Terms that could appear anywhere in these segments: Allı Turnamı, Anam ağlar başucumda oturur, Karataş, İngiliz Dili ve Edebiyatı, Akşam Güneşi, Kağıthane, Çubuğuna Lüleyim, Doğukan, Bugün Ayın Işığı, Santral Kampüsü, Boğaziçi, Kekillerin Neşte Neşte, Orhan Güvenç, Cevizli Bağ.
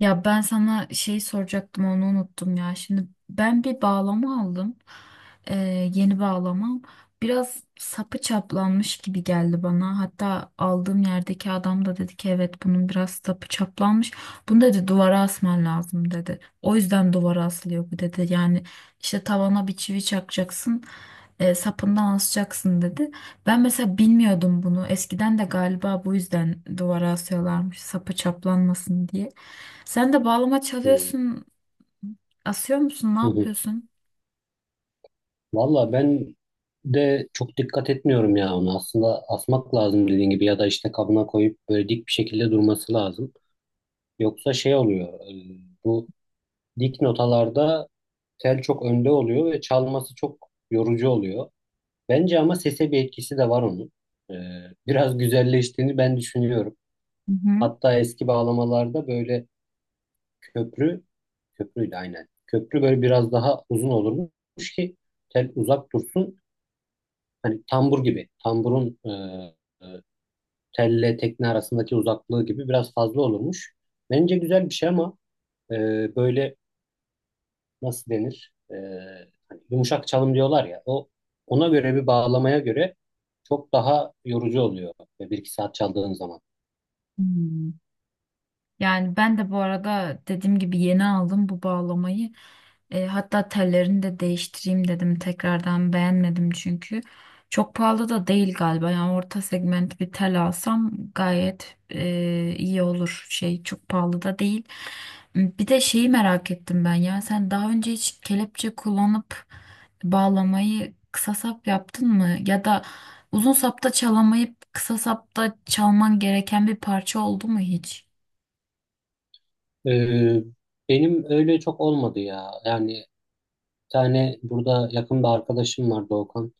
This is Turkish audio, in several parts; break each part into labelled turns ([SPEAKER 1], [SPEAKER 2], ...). [SPEAKER 1] Ya ben sana şey soracaktım onu unuttum ya. Şimdi ben bir bağlama aldım. Ee, yeni bağlamam. Biraz sapı çaplanmış gibi geldi bana. Hatta aldığım yerdeki adam da dedi ki evet bunun biraz sapı çaplanmış. Bunu dedi duvara asman lazım dedi. O yüzden duvara asılıyor bu dedi. Yani işte tavana bir çivi çakacaksın. Sapından asacaksın dedi. Ben mesela bilmiyordum bunu. Eskiden de galiba bu yüzden duvara asıyorlarmış sapı çaplanmasın diye. Sen de bağlama
[SPEAKER 2] Hı hı.
[SPEAKER 1] çalıyorsun. Asıyor musun? Ne
[SPEAKER 2] Hı.
[SPEAKER 1] yapıyorsun?
[SPEAKER 2] Valla ben de çok dikkat etmiyorum ya onu. Aslında asmak lazım dediğin gibi ya da işte kabına koyup böyle dik bir şekilde durması lazım. Yoksa şey oluyor. Bu dik notalarda tel çok önde oluyor ve çalması çok yorucu oluyor. Bence ama sese bir etkisi de var onun. E, Biraz güzelleştiğini ben düşünüyorum.
[SPEAKER 1] Hı hı.
[SPEAKER 2] Hatta eski bağlamalarda böyle köprü köprüyle aynen. Köprü böyle biraz daha uzun olurmuş ki tel uzak dursun. Hani tambur gibi tamburun e, telle tekne arasındaki uzaklığı gibi biraz fazla olurmuş. Bence güzel bir şey ama e, böyle nasıl denir? Hani yumuşak çalım diyorlar ya o, ona göre bir bağlamaya göre çok daha yorucu oluyor bir iki saat çaldığın zaman.
[SPEAKER 1] Hmm. Yani ben de bu arada dediğim gibi yeni aldım bu bağlamayı. Hatta tellerini de değiştireyim dedim tekrardan beğenmedim çünkü. Çok pahalı da değil galiba yani orta segment bir tel alsam gayet iyi olur şey çok pahalı da değil. Bir de şeyi merak ettim ben ya sen daha önce hiç kelepçe kullanıp bağlamayı kısa sap yaptın mı? Ya da uzun sapta çalamayıp kısa sapta çalman gereken bir parça oldu mu hiç?
[SPEAKER 2] E, Benim öyle çok olmadı ya. Yani bir tane burada yakın bir arkadaşım var, Doğukan.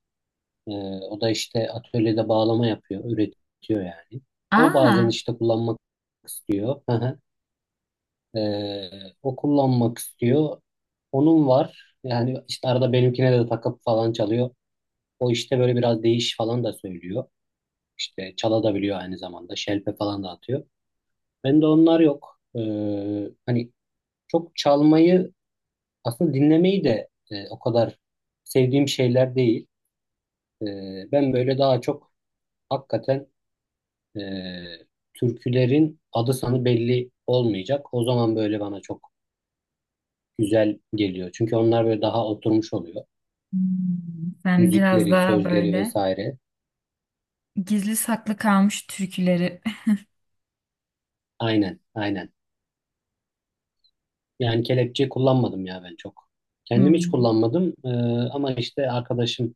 [SPEAKER 2] Ee, O da işte atölyede bağlama yapıyor, üretiyor yani. O bazen
[SPEAKER 1] Aa,
[SPEAKER 2] işte kullanmak istiyor. Hı hı. O kullanmak istiyor. Onun var. Yani işte arada benimkine de takıp falan çalıyor. O işte böyle biraz değiş falan da söylüyor. İşte çala da biliyor aynı zamanda. Şelpe falan da atıyor. Bende onlar yok. Hani çok çalmayı aslında dinlemeyi de o kadar sevdiğim şeyler değil. Ben böyle daha çok hakikaten e, türkülerin adı sanı belli olmayacak. O zaman böyle bana çok güzel geliyor. Çünkü onlar böyle daha oturmuş oluyor.
[SPEAKER 1] hmm, sen biraz
[SPEAKER 2] Müzikleri,
[SPEAKER 1] daha
[SPEAKER 2] sözleri
[SPEAKER 1] böyle
[SPEAKER 2] vesaire.
[SPEAKER 1] gizli saklı kalmış türküleri.
[SPEAKER 2] Aynen, aynen. Yani kelepçe kullanmadım ya ben çok. Kendim hiç
[SPEAKER 1] Hmm,
[SPEAKER 2] kullanmadım, ama işte arkadaşım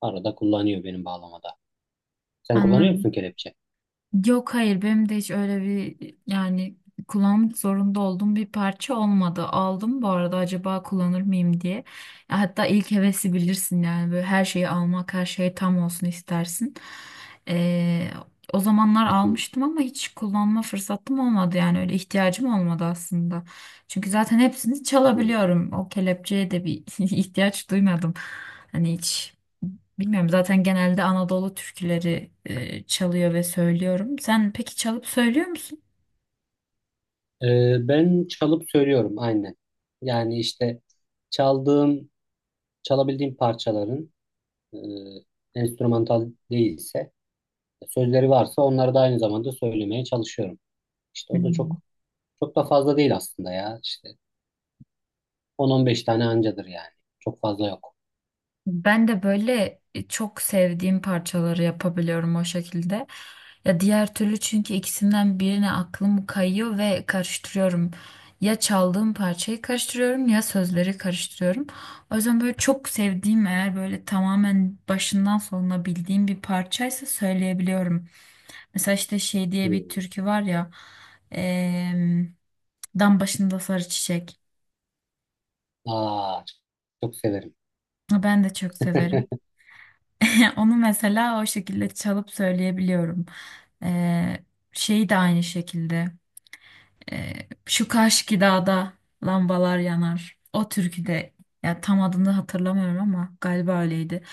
[SPEAKER 2] arada kullanıyor benim bağlamada. Sen kullanıyor musun
[SPEAKER 1] anladım.
[SPEAKER 2] kelepçe?
[SPEAKER 1] Yok hayır benim de hiç öyle bir yani kullanmak zorunda olduğum bir parça olmadı. Aldım bu arada acaba kullanır mıyım diye. Ya hatta ilk hevesi bilirsin yani böyle her şeyi almak her şey tam olsun istersin. Ee, O zamanlar
[SPEAKER 2] Hı hı,
[SPEAKER 1] almıştım ama hiç kullanma fırsatım olmadı yani öyle ihtiyacım olmadı aslında. Çünkü zaten hepsini
[SPEAKER 2] hı.
[SPEAKER 1] çalabiliyorum o kelepçeye de bir ihtiyaç duymadım. Hani hiç. Bilmiyorum zaten genelde Anadolu türküleri çalıyor ve söylüyorum. Sen peki çalıp söylüyor musun?
[SPEAKER 2] Ben çalıp söylüyorum aynen. Yani işte çaldığım, çalabildiğim parçaların e, enstrümantal değilse sözleri varsa onları da aynı zamanda söylemeye çalışıyorum. İşte o da
[SPEAKER 1] Hmm.
[SPEAKER 2] çok çok da fazla değil aslında ya. İşte 10-15 tane ancadır yani. Çok fazla yok.
[SPEAKER 1] Ben de böyle çok sevdiğim parçaları yapabiliyorum o şekilde. Ya diğer türlü çünkü ikisinden birine aklım kayıyor ve karıştırıyorum. Ya çaldığım parçayı karıştırıyorum ya sözleri karıştırıyorum. O yüzden böyle çok sevdiğim eğer böyle tamamen başından sonuna bildiğim bir parçaysa söyleyebiliyorum. Mesela işte şey diye bir
[SPEAKER 2] Hmm.
[SPEAKER 1] türkü var ya, eee, dam başında sarı çiçek.
[SPEAKER 2] Aa, çok çok severim.
[SPEAKER 1] Ben de çok severim. Onu mesela o şekilde çalıp söyleyebiliyorum. Ee, Şey de aynı şekilde. Şu Kaşki Dağ'da lambalar yanar. O türküde ya tam adını hatırlamıyorum ama galiba öyleydi.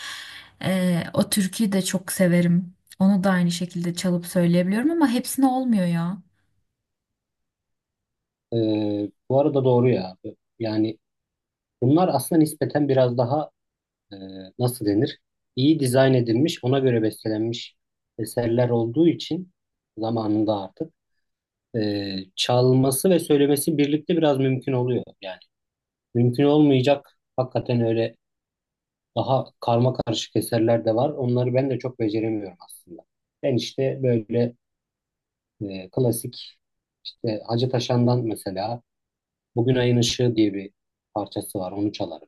[SPEAKER 1] O türküyü de çok severim. Onu da aynı şekilde çalıp söyleyebiliyorum ama hepsine olmuyor ya.
[SPEAKER 2] Bu arada doğru ya. Yani bunlar aslında nispeten biraz daha e, nasıl denir? İyi dizayn edilmiş, ona göre bestelenmiş eserler olduğu için zamanında artık e, çalması ve söylemesi birlikte biraz mümkün oluyor. Yani mümkün olmayacak hakikaten öyle. Daha karma karışık eserler de var. Onları ben de çok beceremiyorum aslında. Ben işte böyle klasik işte Hacı Taşan'dan mesela Bugün Ayın Işığı diye bir parçası var. Onu çalarım,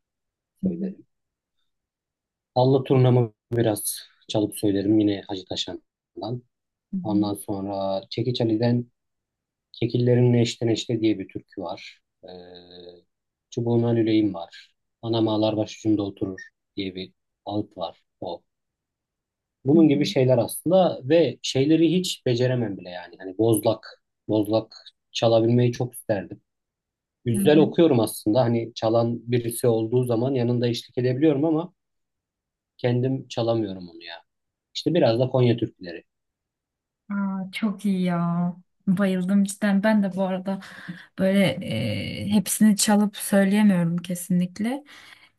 [SPEAKER 1] Hı hı,
[SPEAKER 2] söylerim. Allı Turnamı biraz çalıp söylerim yine Hacı Taşan'dan. Ondan sonra Çekiç Ali'den Kekillerin Neşte Neşte diye bir türkü var. Çubuğuna Lüleyim var. Anam ağlar başucumda oturur diye bir alt var. O.
[SPEAKER 1] hı hı,
[SPEAKER 2] Bunun
[SPEAKER 1] hı
[SPEAKER 2] gibi şeyler aslında ve şeyleri hiç beceremem bile yani. Hani bozlak, bozlak çalabilmeyi çok isterdim.
[SPEAKER 1] hı, hı
[SPEAKER 2] Güzel
[SPEAKER 1] hı.
[SPEAKER 2] okuyorum aslında. Hani çalan birisi olduğu zaman yanında eşlik edebiliyorum ama kendim çalamıyorum onu ya. İşte biraz da Konya türküleri.
[SPEAKER 1] Aa, çok iyi ya. Bayıldım cidden. Ben de bu arada böyle hepsini çalıp söyleyemiyorum kesinlikle.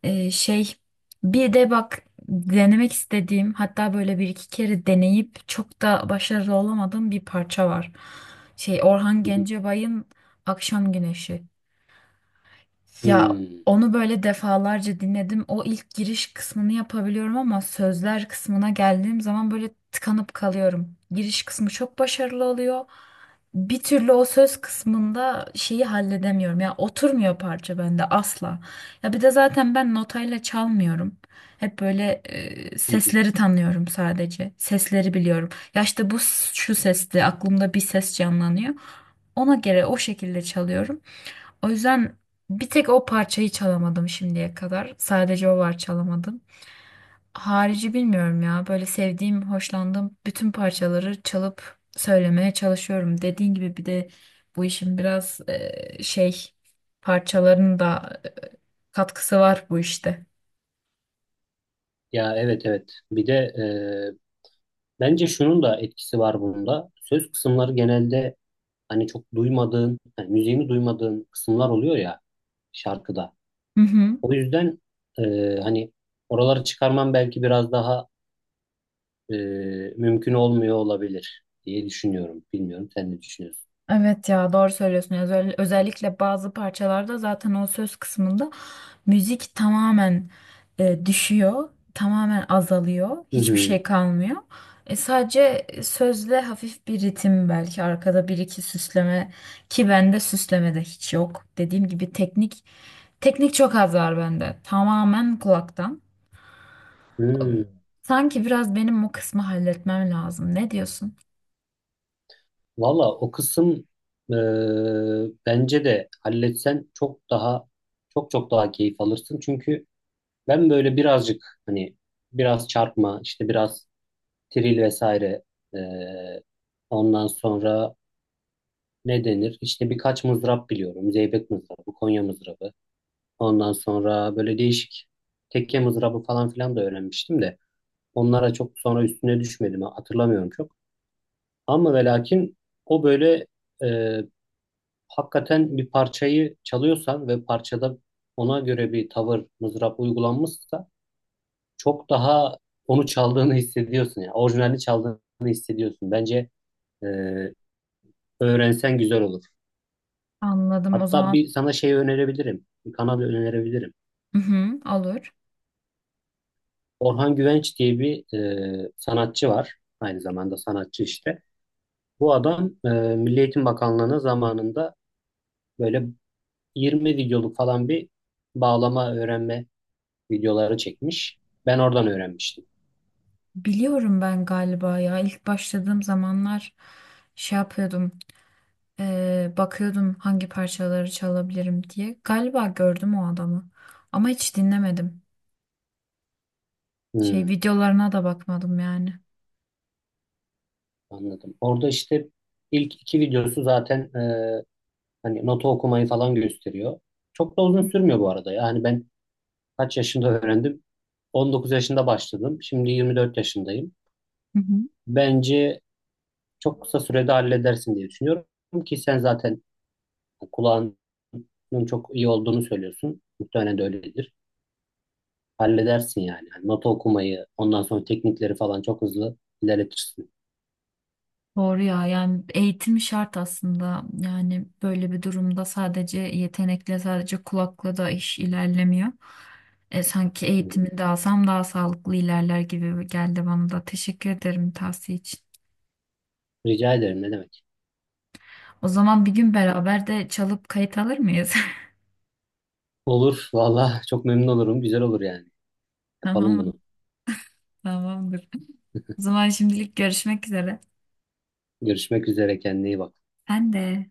[SPEAKER 1] Şey, bir de bak, denemek istediğim hatta böyle bir iki kere deneyip çok da başarılı olamadığım bir parça var. Şey Orhan
[SPEAKER 2] Hı hı.
[SPEAKER 1] Gencebay'ın Akşam Güneşi. Ya
[SPEAKER 2] Hmm.
[SPEAKER 1] onu böyle defalarca dinledim. O ilk giriş kısmını yapabiliyorum ama sözler kısmına geldiğim zaman böyle tıkanıp kalıyorum. Giriş kısmı çok başarılı oluyor. Bir türlü o söz kısmında şeyi halledemiyorum. Ya oturmuyor parça bende asla. Ya bir de zaten ben notayla çalmıyorum. Hep böyle
[SPEAKER 2] Hı hı.
[SPEAKER 1] sesleri tanıyorum sadece. Sesleri biliyorum. Ya işte bu şu sesti aklımda bir ses canlanıyor. Ona göre o şekilde çalıyorum. O yüzden bir tek o parçayı çalamadım şimdiye kadar. Sadece o var çalamadım. Harici bilmiyorum ya. Böyle sevdiğim, hoşlandığım bütün parçaları çalıp söylemeye çalışıyorum. Dediğin gibi bir de bu işin biraz şey parçaların da katkısı var bu işte.
[SPEAKER 2] Ya, evet evet. Bir de e, bence şunun da etkisi var bunda. Söz kısımları genelde hani çok duymadığın, hani müziğini duymadığın kısımlar oluyor ya şarkıda.
[SPEAKER 1] Hı hı.
[SPEAKER 2] O yüzden e, hani oraları çıkarmam belki biraz daha e, mümkün olmuyor olabilir diye düşünüyorum. Bilmiyorum, sen ne düşünüyorsun?
[SPEAKER 1] Evet ya doğru söylüyorsun. Özellikle bazı parçalarda zaten o söz kısmında müzik tamamen düşüyor, tamamen azalıyor,
[SPEAKER 2] Hı
[SPEAKER 1] hiçbir
[SPEAKER 2] hı.
[SPEAKER 1] şey kalmıyor. Sadece sözle hafif bir ritim belki arkada bir iki süsleme ki bende süsleme de hiç yok. Dediğim gibi teknik çok az var bende. Tamamen kulaktan.
[SPEAKER 2] Hı.
[SPEAKER 1] Sanki biraz benim o kısmı halletmem lazım. Ne diyorsun?
[SPEAKER 2] Valla o kısım e, bence de halletsen çok daha çok çok daha keyif alırsın. Çünkü ben böyle birazcık hani biraz çarpma işte biraz tril vesaire e, ondan sonra ne denir? İşte birkaç mızrap biliyorum. Zeybek mızrabı, Konya mızrabı. Ondan sonra böyle değişik tekke mızrabı falan filan da öğrenmiştim de onlara çok sonra üstüne düşmedim, hatırlamıyorum çok. Ama ve lakin o böyle e, hakikaten bir parçayı çalıyorsan ve parçada ona göre bir tavır mızrap uygulanmışsa çok daha onu çaldığını hissediyorsun, yani orijinalini çaldığını hissediyorsun. Bence e, öğrensen güzel olur.
[SPEAKER 1] Anladım o
[SPEAKER 2] Hatta
[SPEAKER 1] zaman.
[SPEAKER 2] bir sana şey önerebilirim. Bir kanal önerebilirim.
[SPEAKER 1] Hı hı, olur.
[SPEAKER 2] Orhan Güvenç diye bir sanatçı var. Aynı zamanda sanatçı işte. Bu adam Milli Eğitim Bakanlığı'na zamanında böyle 20 videoluk falan bir bağlama öğrenme videoları çekmiş. Ben oradan öğrenmiştim.
[SPEAKER 1] Biliyorum ben galiba ya ilk başladığım zamanlar şey yapıyordum, bakıyordum hangi parçaları çalabilirim diye galiba gördüm o adamı ama hiç dinlemedim, şey
[SPEAKER 2] Hmm,
[SPEAKER 1] videolarına da bakmadım yani.
[SPEAKER 2] anladım. Orada işte ilk iki videosu zaten hani nota okumayı falan gösteriyor. Çok da uzun sürmüyor bu arada. Yani ben kaç yaşında öğrendim? 19 yaşında başladım. Şimdi 24 yaşındayım.
[SPEAKER 1] Hı hı.
[SPEAKER 2] Bence çok kısa sürede halledersin diye düşünüyorum ki sen zaten kulağının çok iyi olduğunu söylüyorsun. Muhtemelen de öyledir. Halledersin yani. Yani nota okumayı, ondan sonra teknikleri falan çok hızlı ilerletirsin.
[SPEAKER 1] Doğru ya yani eğitim şart aslında yani böyle bir durumda sadece yetenekle sadece kulakla da iş ilerlemiyor. Sanki eğitimini de alsam daha sağlıklı ilerler gibi geldi bana da teşekkür ederim tavsiye için.
[SPEAKER 2] Rica ederim, ne demek.
[SPEAKER 1] O zaman bir gün beraber de çalıp kayıt alır mıyız?
[SPEAKER 2] Olur valla, çok memnun olurum. Güzel olur yani. Yapalım
[SPEAKER 1] Tamam,
[SPEAKER 2] bunu.
[SPEAKER 1] tamamdır. O zaman şimdilik görüşmek üzere.
[SPEAKER 2] Görüşmek üzere, kendine iyi bak.
[SPEAKER 1] Ben de.